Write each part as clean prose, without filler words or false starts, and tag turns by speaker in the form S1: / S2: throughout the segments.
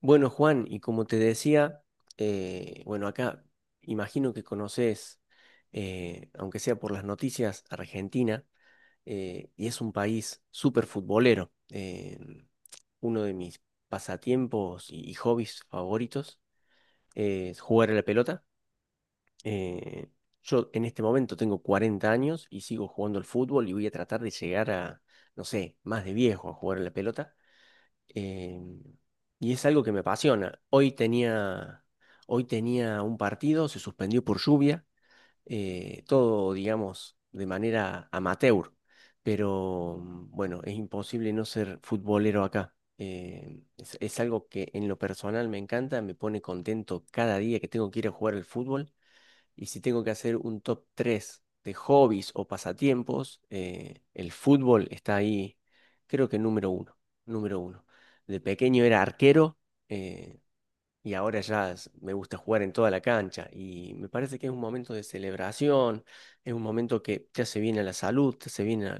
S1: Bueno, Juan, y como te decía, bueno, acá imagino que conoces, aunque sea por las noticias, Argentina. Y es un país súper futbolero. Uno de mis pasatiempos y hobbies favoritos es jugar a la pelota. Eh, yo en este momento tengo 40 años y sigo jugando al fútbol y voy a tratar de llegar a, no sé, más de viejo a jugar a la pelota. Eh, y es algo que me apasiona. Hoy tenía un partido, se suspendió por lluvia, todo, digamos, de manera amateur, pero bueno, es imposible no ser futbolero acá. Es algo que en lo personal me encanta, me pone contento cada día que tengo que ir a jugar al fútbol. Y si tengo que hacer un top 3 de hobbies o pasatiempos, el fútbol está ahí, creo que número uno, número uno. De pequeño era arquero. Eh, y ahora me gusta jugar en toda la cancha y me parece que es un momento de celebración, es un momento que te hace bien a la salud, te hace bien a,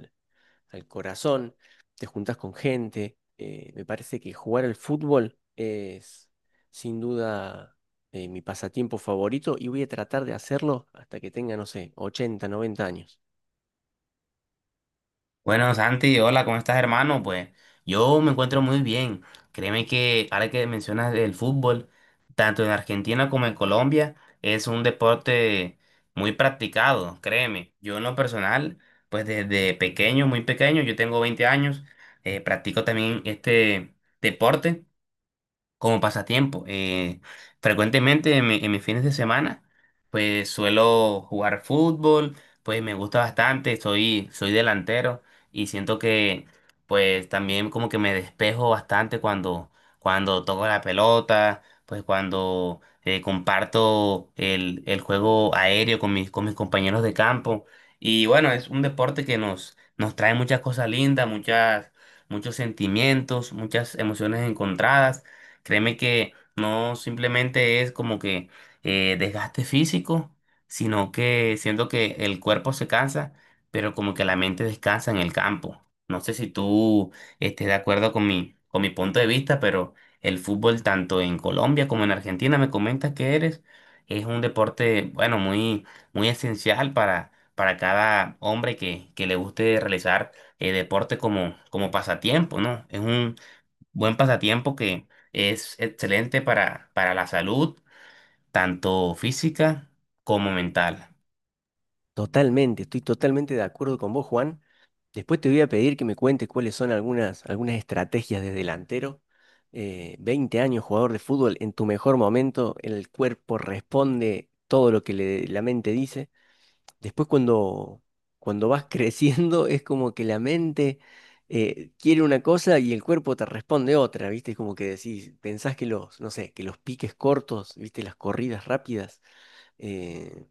S1: al corazón, te juntas con gente. Me parece que jugar al fútbol es sin duda mi pasatiempo favorito y voy a tratar de hacerlo hasta que tenga, no sé, 80 90 años.
S2: Bueno, Santi, hola, ¿cómo estás, hermano? Pues yo me encuentro muy bien. Créeme que ahora que mencionas el fútbol, tanto en Argentina como en Colombia, es un deporte muy practicado, créeme. Yo en lo personal, pues desde pequeño, muy pequeño, yo tengo 20 años, practico también este deporte como pasatiempo. Frecuentemente en, en mis fines de semana, pues suelo jugar fútbol, pues me gusta bastante, soy delantero y siento que pues también como que me despejo bastante cuando, cuando toco la pelota, pues cuando comparto el juego aéreo con mis compañeros de campo. Y bueno, es un deporte que nos trae muchas cosas lindas, muchas, muchos sentimientos, muchas emociones encontradas. Créeme que no simplemente es como que desgaste físico, sino que siento que el cuerpo se cansa, pero como que la mente descansa en el campo. No sé si tú estés de acuerdo con mi punto de vista, pero el fútbol tanto en Colombia como en Argentina, me comentas que eres, es un deporte, bueno, muy, muy esencial para cada hombre que le guste realizar deporte como, como pasatiempo, ¿no? Es un buen pasatiempo que es excelente para la salud, tanto física como mental.
S1: Totalmente, estoy totalmente de acuerdo con vos, Juan. Después te voy a pedir que me cuentes cuáles son algunas estrategias de delantero. 20 años jugador de fútbol, en tu mejor momento, el cuerpo responde todo lo que la mente dice. Después cuando vas creciendo es como que la mente quiere una cosa y el cuerpo te responde otra, ¿viste? Es como que decís, pensás que los, no sé, que los piques cortos, ¿viste? Las corridas rápidas eh,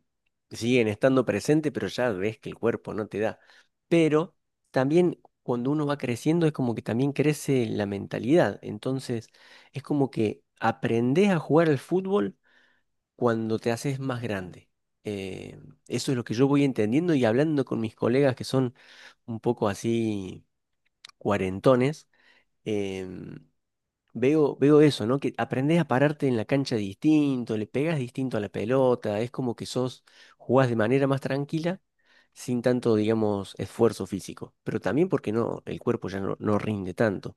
S1: siguen estando presentes, pero ya ves que el cuerpo no te da. Pero también cuando uno va creciendo es como que también crece la mentalidad. Entonces es como que aprendés a jugar al fútbol cuando te haces más grande. Eh, eso es lo que yo voy entendiendo y hablando con mis colegas que son un poco así cuarentones, em, veo eso, ¿no? Que aprendés a pararte en la cancha distinto, le pegas distinto a la pelota, es como que sos, jugás de manera más tranquila, sin tanto, digamos, esfuerzo físico, pero también porque no, el cuerpo ya no rinde tanto.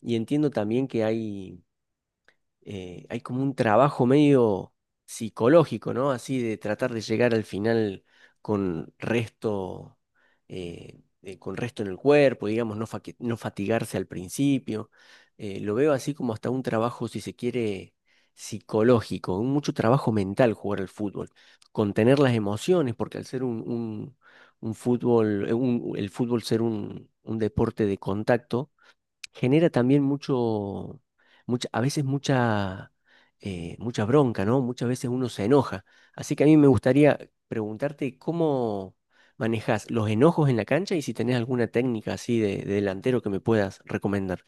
S1: Y entiendo también que hay como un trabajo medio psicológico, ¿no? Así de tratar de llegar al final con resto, con resto en el cuerpo, digamos, no fatigarse al principio. Lo veo así como hasta un trabajo, si se quiere, psicológico, un mucho trabajo mental jugar al fútbol, contener las emociones, porque al ser un fútbol, el fútbol ser un deporte de contacto, genera también mucha, a veces mucha bronca, ¿no? Muchas veces uno se enoja. Así que a mí me gustaría preguntarte cómo manejas los enojos en la cancha y si tenés alguna técnica así de, delantero que me puedas recomendar.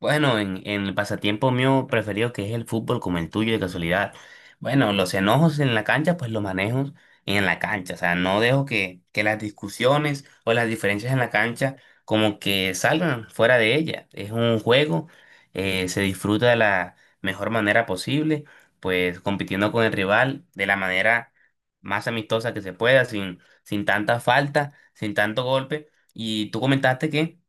S2: Bueno, en el pasatiempo mío preferido que es el fútbol como el tuyo de casualidad. Bueno, los enojos en la cancha pues los manejo en la cancha. O sea, no dejo que las discusiones o las diferencias en la cancha como que salgan fuera de ella. Es un juego, se disfruta de la mejor manera posible, pues compitiendo con el rival de la manera más amistosa que se pueda, sin, sin tanta falta, sin tanto golpe. Y tú comentaste que...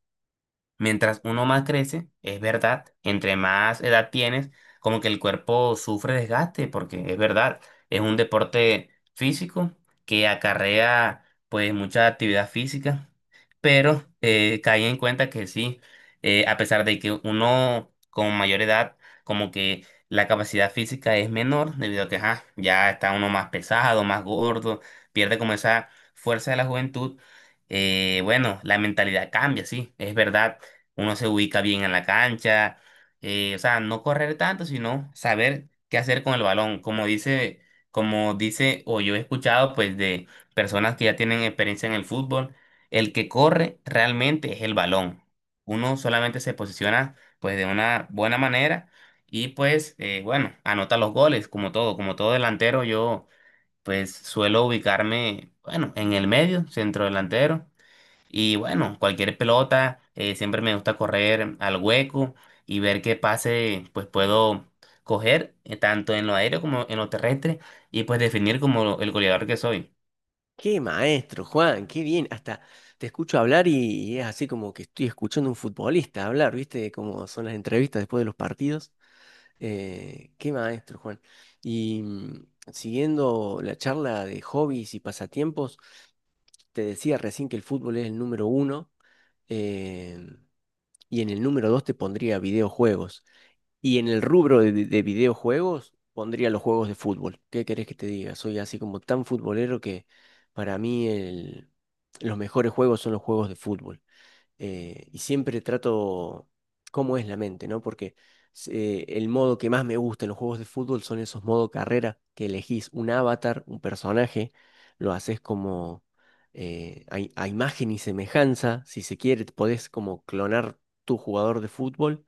S2: Mientras uno más crece, es verdad, entre más edad tienes, como que el cuerpo sufre desgaste, porque es verdad, es un deporte físico que acarrea pues mucha actividad física, pero caí en cuenta que sí, a pesar de que uno con mayor edad, como que la capacidad física es menor, debido a que ajá, ya está uno más pesado, más gordo, pierde como esa fuerza de la juventud bueno, la mentalidad cambia, sí, es verdad uno se ubica bien en la cancha, o sea, no correr tanto, sino saber qué hacer con el balón, como dice, o yo he escuchado pues de personas que ya tienen experiencia en el fútbol, el que corre realmente es el balón. Uno solamente se posiciona pues de una buena manera y pues bueno, anota los goles, como todo delantero, yo pues suelo ubicarme, bueno, en el medio, centro delantero y bueno, cualquier pelota, siempre me gusta correr al hueco y ver qué pase pues puedo coger tanto en lo aéreo como en lo terrestre y pues definir como el goleador que soy.
S1: Qué maestro, Juan, qué bien. Hasta te escucho hablar y es así como que estoy escuchando a un futbolista hablar, ¿viste? Como son las entrevistas después de los partidos. Qué maestro, Juan. Y siguiendo la charla de hobbies y pasatiempos, te decía recién que el fútbol es el número uno, eh, y en el número dos te pondría videojuegos. Y en el rubro de videojuegos pondría los juegos de fútbol. ¿Qué querés que te diga? Soy así como tan futbolero que para mí los mejores juegos son los juegos de fútbol, y siempre trato cómo es la mente, ¿no? Porque el modo que más me gusta en los juegos de fútbol son esos modo carrera, que elegís un avatar, un personaje, lo haces como a imagen y semejanza, si se quiere, podés como clonar tu jugador de fútbol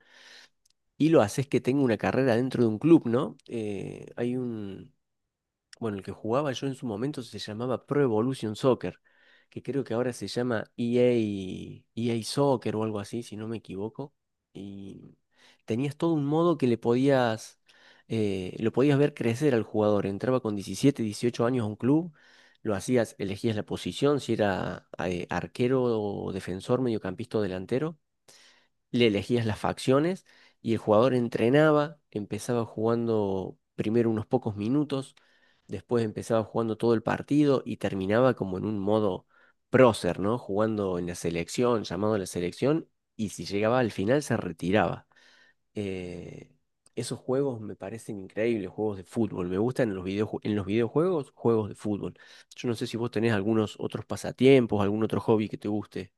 S1: y lo haces que tenga una carrera dentro de un club, ¿no? Bueno, el que jugaba yo en su momento se llamaba Pro Evolution Soccer, que creo que ahora se llama EA, EA Soccer o algo así, si no me equivoco. Y tenías todo un modo que le podías, lo podías ver crecer al jugador. Entraba con 17, 18 años a un club, lo hacías, elegías la posición, si era arquero o defensor, mediocampista o delantero, le elegías las facciones y el jugador entrenaba, empezaba jugando primero unos pocos minutos, después empezaba jugando todo el partido y terminaba como en un modo prócer, ¿no? Jugando en la selección, llamado a la selección, y si llegaba al final se retiraba. Eh, esos juegos me parecen increíbles, juegos de fútbol. Me gustan en los videojuegos, juegos de fútbol. Yo no sé si vos tenés algunos otros pasatiempos, algún otro hobby que te guste.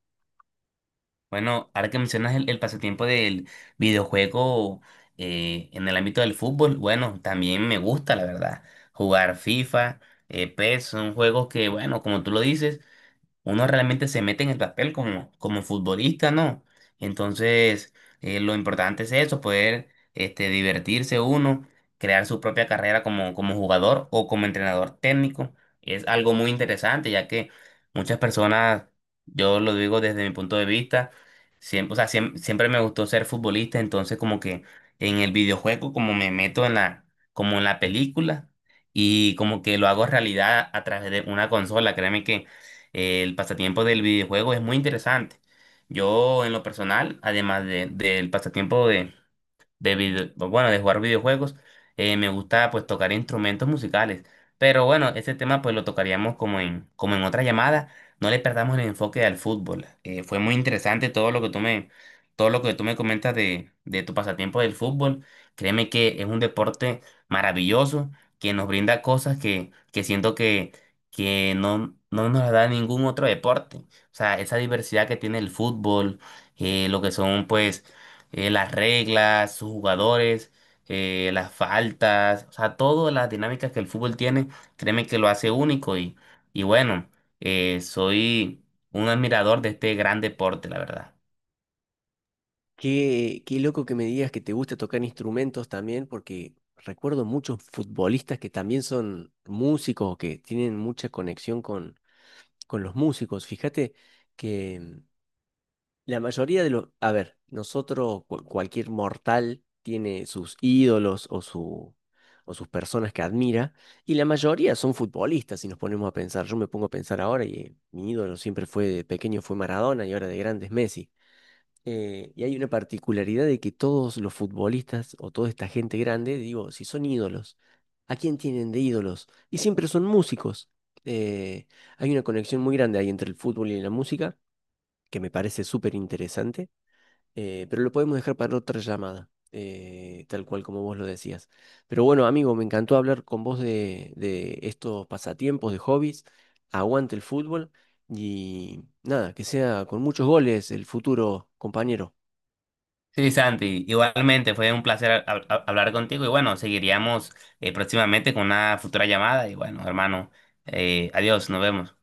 S2: Bueno, ahora que mencionas el pasatiempo del videojuego en el ámbito del fútbol, bueno, también me gusta la verdad jugar FIFA, PES, son juegos que bueno, como tú lo dices uno realmente se mete en el papel como, como futbolista, ¿no? Entonces, lo importante es eso, poder este, divertirse uno, crear su propia carrera como, como jugador o como entrenador técnico. Es algo muy interesante, ya que muchas personas, yo lo digo desde mi punto de vista, siempre, o sea, siempre me gustó ser futbolista, entonces como que en el videojuego, como me meto en la, como en la película y como que lo hago realidad a través de una consola, créeme que el pasatiempo del videojuego es muy interesante. Yo, en lo personal, del pasatiempo de, bueno, de jugar videojuegos, me gusta pues tocar instrumentos musicales. Pero bueno, ese tema pues lo tocaríamos como en, como en otra llamada. No le perdamos el enfoque al fútbol. Fue muy interesante todo lo que tú me, todo lo que tú me comentas de tu pasatiempo del fútbol. Créeme que es un deporte maravilloso que nos brinda cosas que siento que no, no nos las da ningún otro deporte. O sea, esa diversidad que tiene el fútbol, lo que son pues las reglas, sus jugadores, las faltas, o sea, todas las dinámicas que el fútbol tiene, créeme que lo hace único y bueno, soy un admirador de este gran deporte, la verdad.
S1: Qué loco que me digas que te gusta tocar instrumentos también, porque recuerdo muchos futbolistas que también son músicos o que tienen mucha conexión con, los músicos. Fíjate que la mayoría de los, a ver, nosotros, cualquier mortal tiene sus ídolos o, su, o sus personas que admira, y la mayoría son futbolistas, si nos ponemos a pensar. Yo me pongo a pensar ahora y mi ídolo siempre fue de pequeño fue Maradona y ahora de grande es Messi. Y hay una particularidad de que todos los futbolistas o toda esta gente grande, digo, si son ídolos, ¿a quién tienen de ídolos? Y siempre son músicos. Eh, hay una conexión muy grande ahí entre el fútbol y la música, que me parece súper interesante, pero lo podemos dejar para otra llamada, tal cual como vos lo decías. Pero bueno, amigo, me encantó hablar con vos de estos pasatiempos, de hobbies. Aguante el fútbol y nada, que sea con muchos goles el futuro, compañero.
S2: Sí, Santi, igualmente fue un placer hablar contigo y bueno, seguiríamos próximamente con una futura llamada y bueno, hermano, adiós, nos vemos.